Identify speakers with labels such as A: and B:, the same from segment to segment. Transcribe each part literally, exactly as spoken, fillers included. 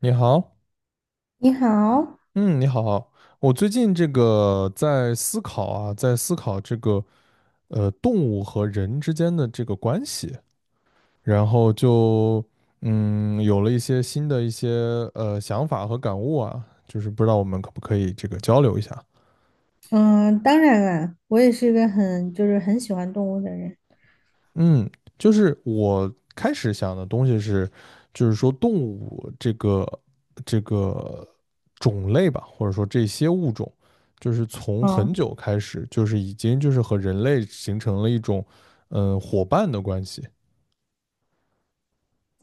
A: 你好。
B: 你好。
A: 嗯，你好。我最近这个在思考啊，在思考这个呃动物和人之间的这个关系，然后就嗯有了一些新的一些呃想法和感悟啊，就是不知道我们可不可以这个交流一下。
B: 嗯，当然了，我也是一个很就是很喜欢动物的人。
A: 嗯，就是我开始想的东西是，就是说动物这个这个种类吧，或者说这些物种，就是从很
B: 啊，
A: 久开始，就是已经就是和人类形成了一种嗯、呃伙伴的关系。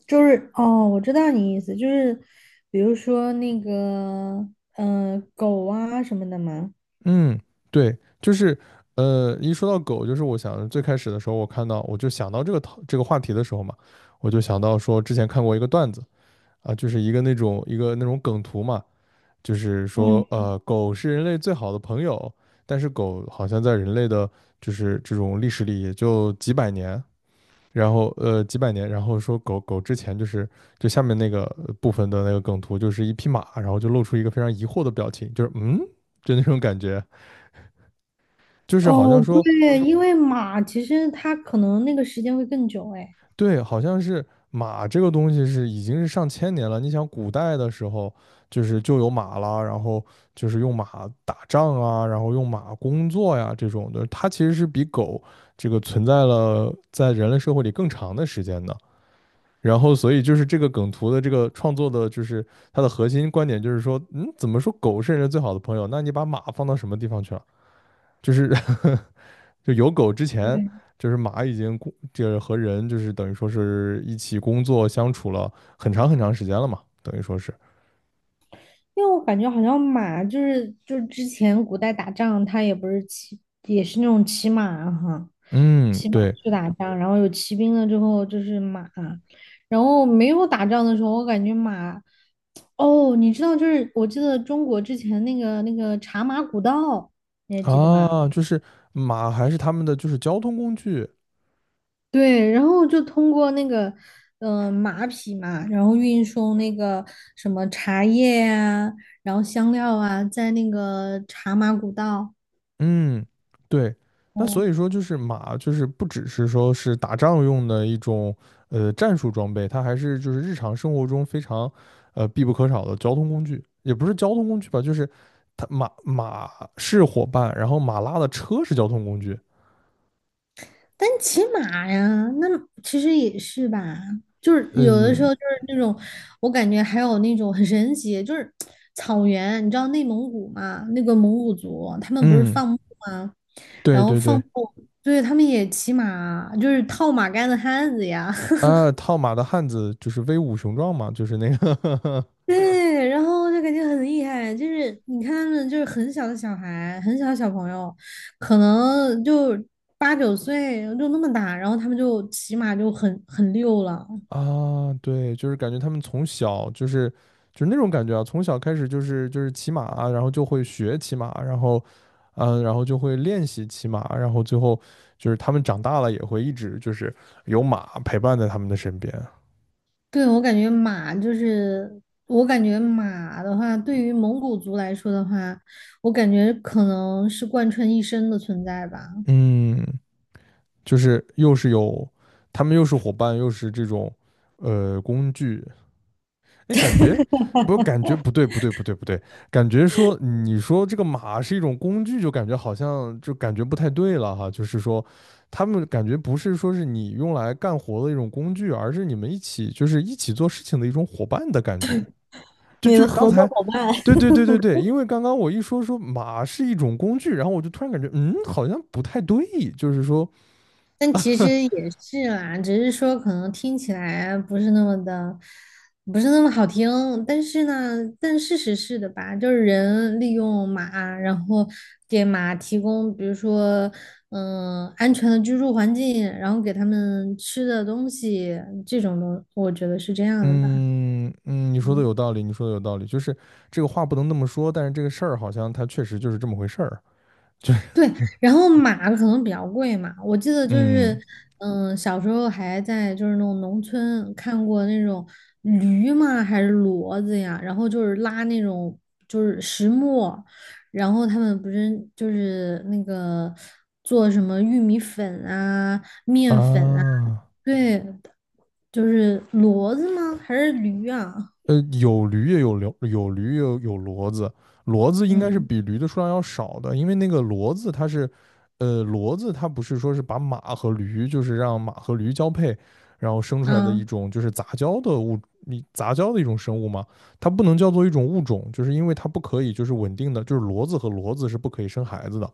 B: 就是哦，我知道你意思，就是比如说那个，嗯、狗啊什么的嘛。
A: 嗯，对，就是呃，一说到狗，就是我想最开始的时候，我看到我就想到这个讨这个话题的时候嘛，我就想到说之前看过一个段子啊，就是一个那种一个那种梗图嘛。就是说，
B: 嗯，
A: 呃，狗是人类最好的朋友，但是狗好像在人类的，就是这种历史里也就几百年，然后呃几百年，然后说狗狗之前就是就下面那个呃部分的那个梗图，就是一匹马，然后就露出一个非常疑惑的表情，就是嗯，就那种感觉，就是好像
B: 哦，
A: 说，
B: 对，因为马其实它可能那个时间会更久，哎，
A: 对，好像是马这个东西是已经是上千年了。你想，古代的时候就是就有马啦，然后就是用马打仗啊，然后用马工作呀这种的，它其实是比狗这个存在了在人类社会里更长的时间的。然后，所以就是这个梗图的这个创作的，就是它的核心观点就是说，嗯，怎么说狗是人类最好的朋友？那你把马放到什么地方去了？就是 就有狗之前，
B: 对。
A: 就是马已经工，就是和人就是等于说是一起工作相处了很长很长时间了嘛，等于说是，
B: 因为我感觉好像马就是就是之前古代打仗，它也不是骑，也是那种骑马哈，
A: 嗯，
B: 骑马
A: 对
B: 去打仗，然后有骑兵了之后就是马。然后没有打仗的时候，我感觉马，哦，你知道就是我记得中国之前那个那个茶马古道，你还记得吗？
A: 啊，就是马还是他们的就是交通工具。
B: 对，然后就通过那个，嗯马匹嘛，然后运送那个什么茶叶啊，然后香料啊，在那个茶马古道。
A: 嗯，对，那
B: 哦，
A: 所以说就是马就是不只是说是打仗用的一种呃战术装备，它还是就是日常生活中非常呃必不可少的交通工具，也不是交通工具吧，就是它马马是伙伴，然后马拉的车是交通工具。
B: 但骑马呀，那其实也是吧，就是有的时
A: 嗯
B: 候就是那种，我感觉还有那种很神奇，就是草原。你知道内蒙古嘛？那个蒙古族他们不是
A: 嗯，
B: 放牧吗？
A: 对
B: 然后
A: 对
B: 放
A: 对，
B: 牧，对，他们也骑马，就是套马杆的汉子呀。
A: 啊，套马的汉子就是威武雄壮嘛，就是那个
B: 对，然后就感觉很厉害，就是你看他们就是很小的小孩，很小的小朋友，可能就八九岁就那么大，然后他们就骑马就很很溜了。
A: 啊，对，就是感觉他们从小就是就是那种感觉啊，从小开始就是就是骑马啊，然后就会学骑马，然后嗯，然后就会练习骑马，然后最后就是他们长大了也会一直就是有马陪伴在他们的身边。
B: 对，我感觉马就是，我感觉马的话，对于蒙古族来说的话，我感觉可能是贯穿一生的存在吧。
A: 嗯，就是又是有他们又是伙伴，又是这种呃工具，哎，感觉不，感觉不对，不对，不对，不对。感觉说你说这个马是一种工具，就感觉好像就感觉不太对了哈。就是说，他们感觉不是说是你用来干活的一种工具，而是你们一起就是一起做事情的一种伙伴的感觉。就
B: 你
A: 就
B: 的
A: 是刚
B: 合作
A: 才，
B: 伙伴。
A: 对对对对对，因为刚刚我一说说马是一种工具，然后我就突然感觉嗯，好像不太对，就是说。
B: 但 其实也是啦，只是说可能听起来不是那么的，不是那么好听。但是呢，但事实是的吧，就是人利用马，然后给马提供，比如说，嗯、安全的居住环境，然后给他们吃的东西，这种东，我觉得是这样的吧。
A: 嗯嗯，你说的
B: 嗯
A: 有道理，你说的有道理，就是这个话不能那么说，但是这个事儿好像它确实就是这么回事儿。
B: 对，然后马可能比较贵嘛，我记得就是，
A: 嗯
B: 嗯，小时候还在就是那种农村看过那种驴嘛，还是骡子呀，然后就是拉那种就是石磨，然后他们不是就是那个做什么玉米粉啊、面粉啊。
A: 啊，
B: 对，就是骡子吗？还是驴啊？
A: 呃，有驴也有驴，有驴也有有骡子。骡子应该是
B: 嗯
A: 比驴的数量要少的，因为那个骡子它是，呃，骡子它不是说是把马和驴，就是让马和驴交配，然后生出来的一
B: 啊，
A: 种就是杂交的物，你杂交的一种生物嘛，它不能叫做一种物种，就是因为它不可以就是稳定的，就是骡子和骡子是不可以生孩子的。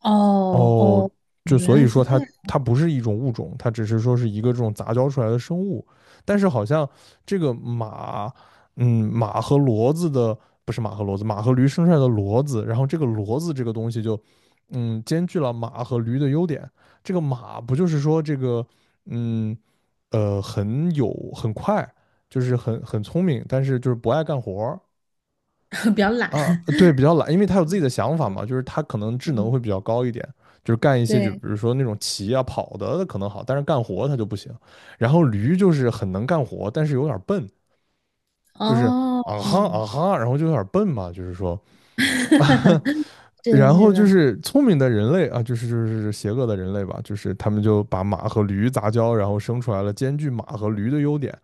B: 哦
A: 哦，
B: 哦，
A: 就
B: 原
A: 所以
B: 来
A: 说
B: 是这
A: 它
B: 样。
A: 它不是一种物种，它只是说是一个这种杂交出来的生物。但是好像这个马，嗯，马和骡子的不是马和骡子，马和驴生出来的骡子，然后这个骡子这个东西就，嗯，兼具了马和驴的优点。这个马不就是说这个，嗯，呃，很有很快，就是很很聪明，但是就是不爱干活儿。
B: 比较懒。
A: 啊，对，比较懒，因为他有自己的想法嘛，就是他可能 智能
B: 嗯，
A: 会比较高一点，就是干一些就比
B: 对。
A: 如说那种骑啊跑的可能好，但是干活他就不行。然后驴就是很能干活，但是有点笨，就是啊
B: 哦，
A: 哈啊哈，然后就有点笨嘛，就是说。
B: 是的，
A: 然
B: 是
A: 后就
B: 的。
A: 是聪明的人类啊，就是就是邪恶的人类吧，就是他们就把马和驴杂交，然后生出来了兼具马和驴的优点，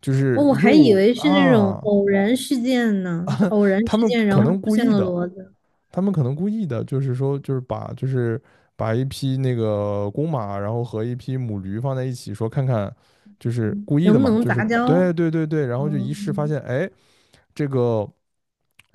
A: 就
B: 哦，
A: 是
B: 我还以
A: 又
B: 为是那种
A: 啊，
B: 偶然事件呢，就偶然
A: 他
B: 事
A: 们
B: 件，然
A: 可
B: 后
A: 能
B: 出
A: 故
B: 现
A: 意
B: 了
A: 的，
B: 骡子，
A: 他们可能故意的，就是说，就是把就是把一匹那个公马，然后和一匹母驴放在一起，说看看，就是故意
B: 能
A: 的
B: 不
A: 嘛，
B: 能
A: 就是
B: 杂交？
A: 对对对对，然后就一试发
B: 嗯，
A: 现，哎，这个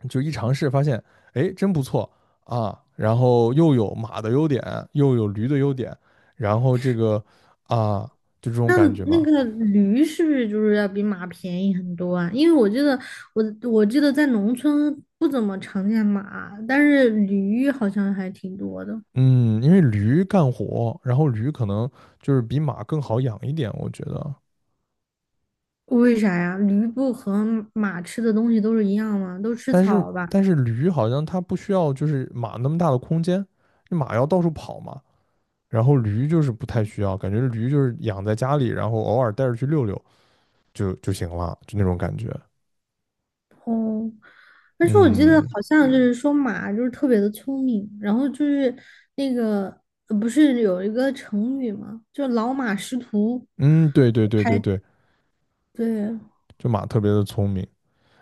A: 就一尝试发现，哎，真不错啊，然后又有马的优点，又有驴的优点，然后这个啊，就这种
B: 那
A: 感觉
B: 那
A: 嘛。
B: 个驴是不是就是要比马便宜很多啊？因为我记得我我记得在农村不怎么常见马，但是驴好像还挺多的。
A: 嗯，因为驴干活，然后驴可能就是比马更好养一点，我觉得。
B: 为啥呀？驴不和马吃的东西都是一样吗？都吃
A: 但是
B: 草吧？
A: 但是驴好像它不需要就是马那么大的空间，马要到处跑嘛，然后驴就是不太需要，感觉驴就是养在家里，然后偶尔带着去溜溜就就行了，就那种感觉。
B: 哦，而且我记得
A: 嗯
B: 好像就是说马就是特别的聪明，然后就是那个呃不是有一个成语吗？就老马识途，
A: 嗯，对对对
B: 还
A: 对对，
B: 对。
A: 就马特别的聪明。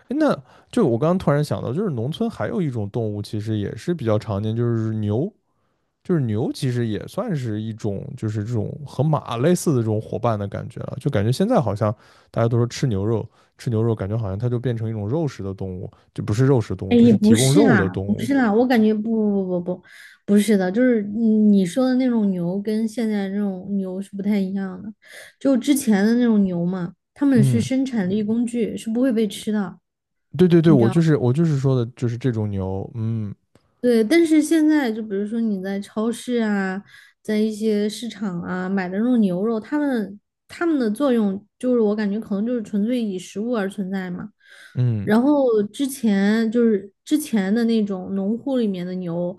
A: 诶那就我刚刚突然想到，就是农村还有一种动物，其实也是比较常见，就是牛。就是牛其实也算是一种，就是这种和马类似的这种伙伴的感觉了。就感觉现在好像大家都说吃牛肉，吃牛肉感觉好像它就变成一种肉食的动物，就不是肉食动物，
B: 哎
A: 就
B: 也
A: 是提
B: 不
A: 供
B: 是
A: 肉的
B: 啊，
A: 动
B: 不
A: 物。
B: 是啦，我感觉不不不不不不是的，就是你说的那种牛跟现在这种牛是不太一样的，就之前的那种牛嘛，他们是
A: 嗯，
B: 生产力工具，是不会被吃的。
A: 对对对，我就是我就是说的，就是这种牛。嗯
B: 对，但是现在就比如说你在超市啊，在一些市场啊买的那种牛肉，它们它们的作用就是我感觉可能就是纯粹以食物而存在嘛。
A: 嗯，
B: 然后之前就是之前的那种农户里面的牛，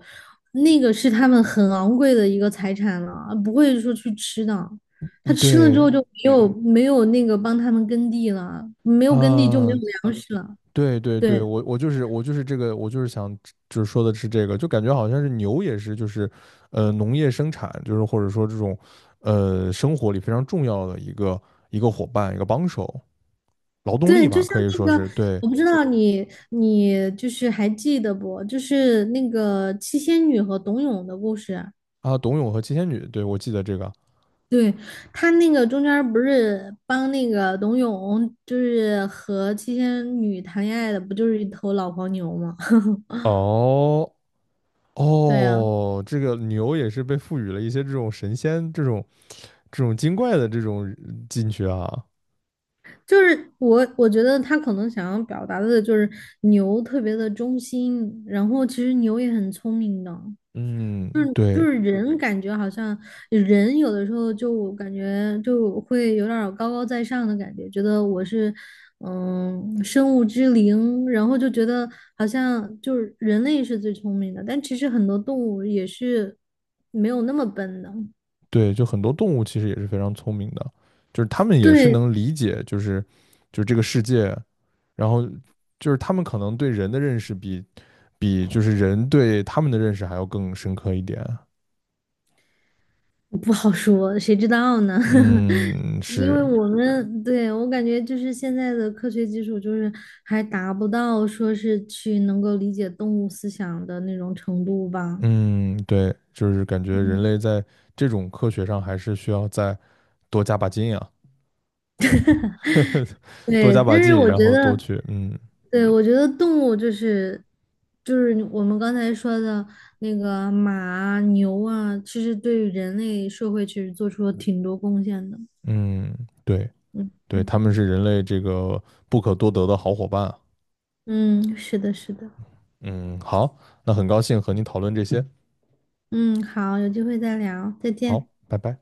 B: 那个是他们很昂贵的一个财产了，不会说去吃的。
A: 嗯
B: 他吃了之后
A: 对
B: 就没有没有那个帮他们耕地了，没有耕地就没有
A: 啊，
B: 粮食了。
A: 对对对，
B: 对。
A: 我我就是我就是这个，我就是想就是说的是这个，就感觉好像是牛也是就是，呃，农业生产就是或者说这种，呃，生活里非常重要的一个一个伙伴一个帮手，劳动力
B: 对，就
A: 吧，
B: 像
A: 可以说
B: 那个，
A: 是。对
B: 我不知道你你就是还记得不？就是那个七仙女和董永的故事。
A: 啊，董永和七仙女，对，我记得这个。
B: 对，他那个中间儿不是帮那个董永，就是和七仙女谈恋爱的，不就是一头老黄牛吗？
A: 哦
B: 对啊，
A: 哦，这个牛也是被赋予了一些这种神仙这种这种精怪的这种呃进去啊。
B: 就是我，我觉得他可能想要表达的就是牛特别的忠心，然后其实牛也很聪明的。就
A: 嗯，
B: 是就
A: 对，
B: 是人感觉好像人有的时候就感觉就会有点儿高高在上的感觉，觉得我是嗯生物之灵，然后就觉得好像就是人类是最聪明的，但其实很多动物也是没有那么笨的。
A: 对，就很多动物其实也是非常聪明的，就是它们也是
B: 对，
A: 能理解，就是就是这个世界，然后就是它们可能对人的认识比比就是人对它们的认识还要更深刻一点。
B: 不好说，谁知道呢？
A: 嗯，
B: 因为
A: 是，
B: 我们对我感觉就是现在的科学技术，就是还达不到说是去能够理解动物思想的那种程度吧。
A: 嗯，对，就是感觉人
B: 嗯，
A: 类在这种科学上还是需要再多加把劲啊。多
B: 对，
A: 加
B: 但
A: 把
B: 是
A: 劲，
B: 我
A: 然
B: 觉
A: 后多
B: 得，
A: 去，嗯
B: 对，我觉得动物就是就是我们刚才说的那个马啊、牛啊，其实对于人类社会其实做出了挺多贡献的。
A: 嗯，对
B: 嗯
A: 对，
B: 嗯，
A: 他们是人类这个不可多得的好伙伴啊。
B: 嗯，是的，是的。
A: 嗯，好，那很高兴和你讨论这些。
B: 嗯，好，有机会再聊，再见。
A: 好，拜拜。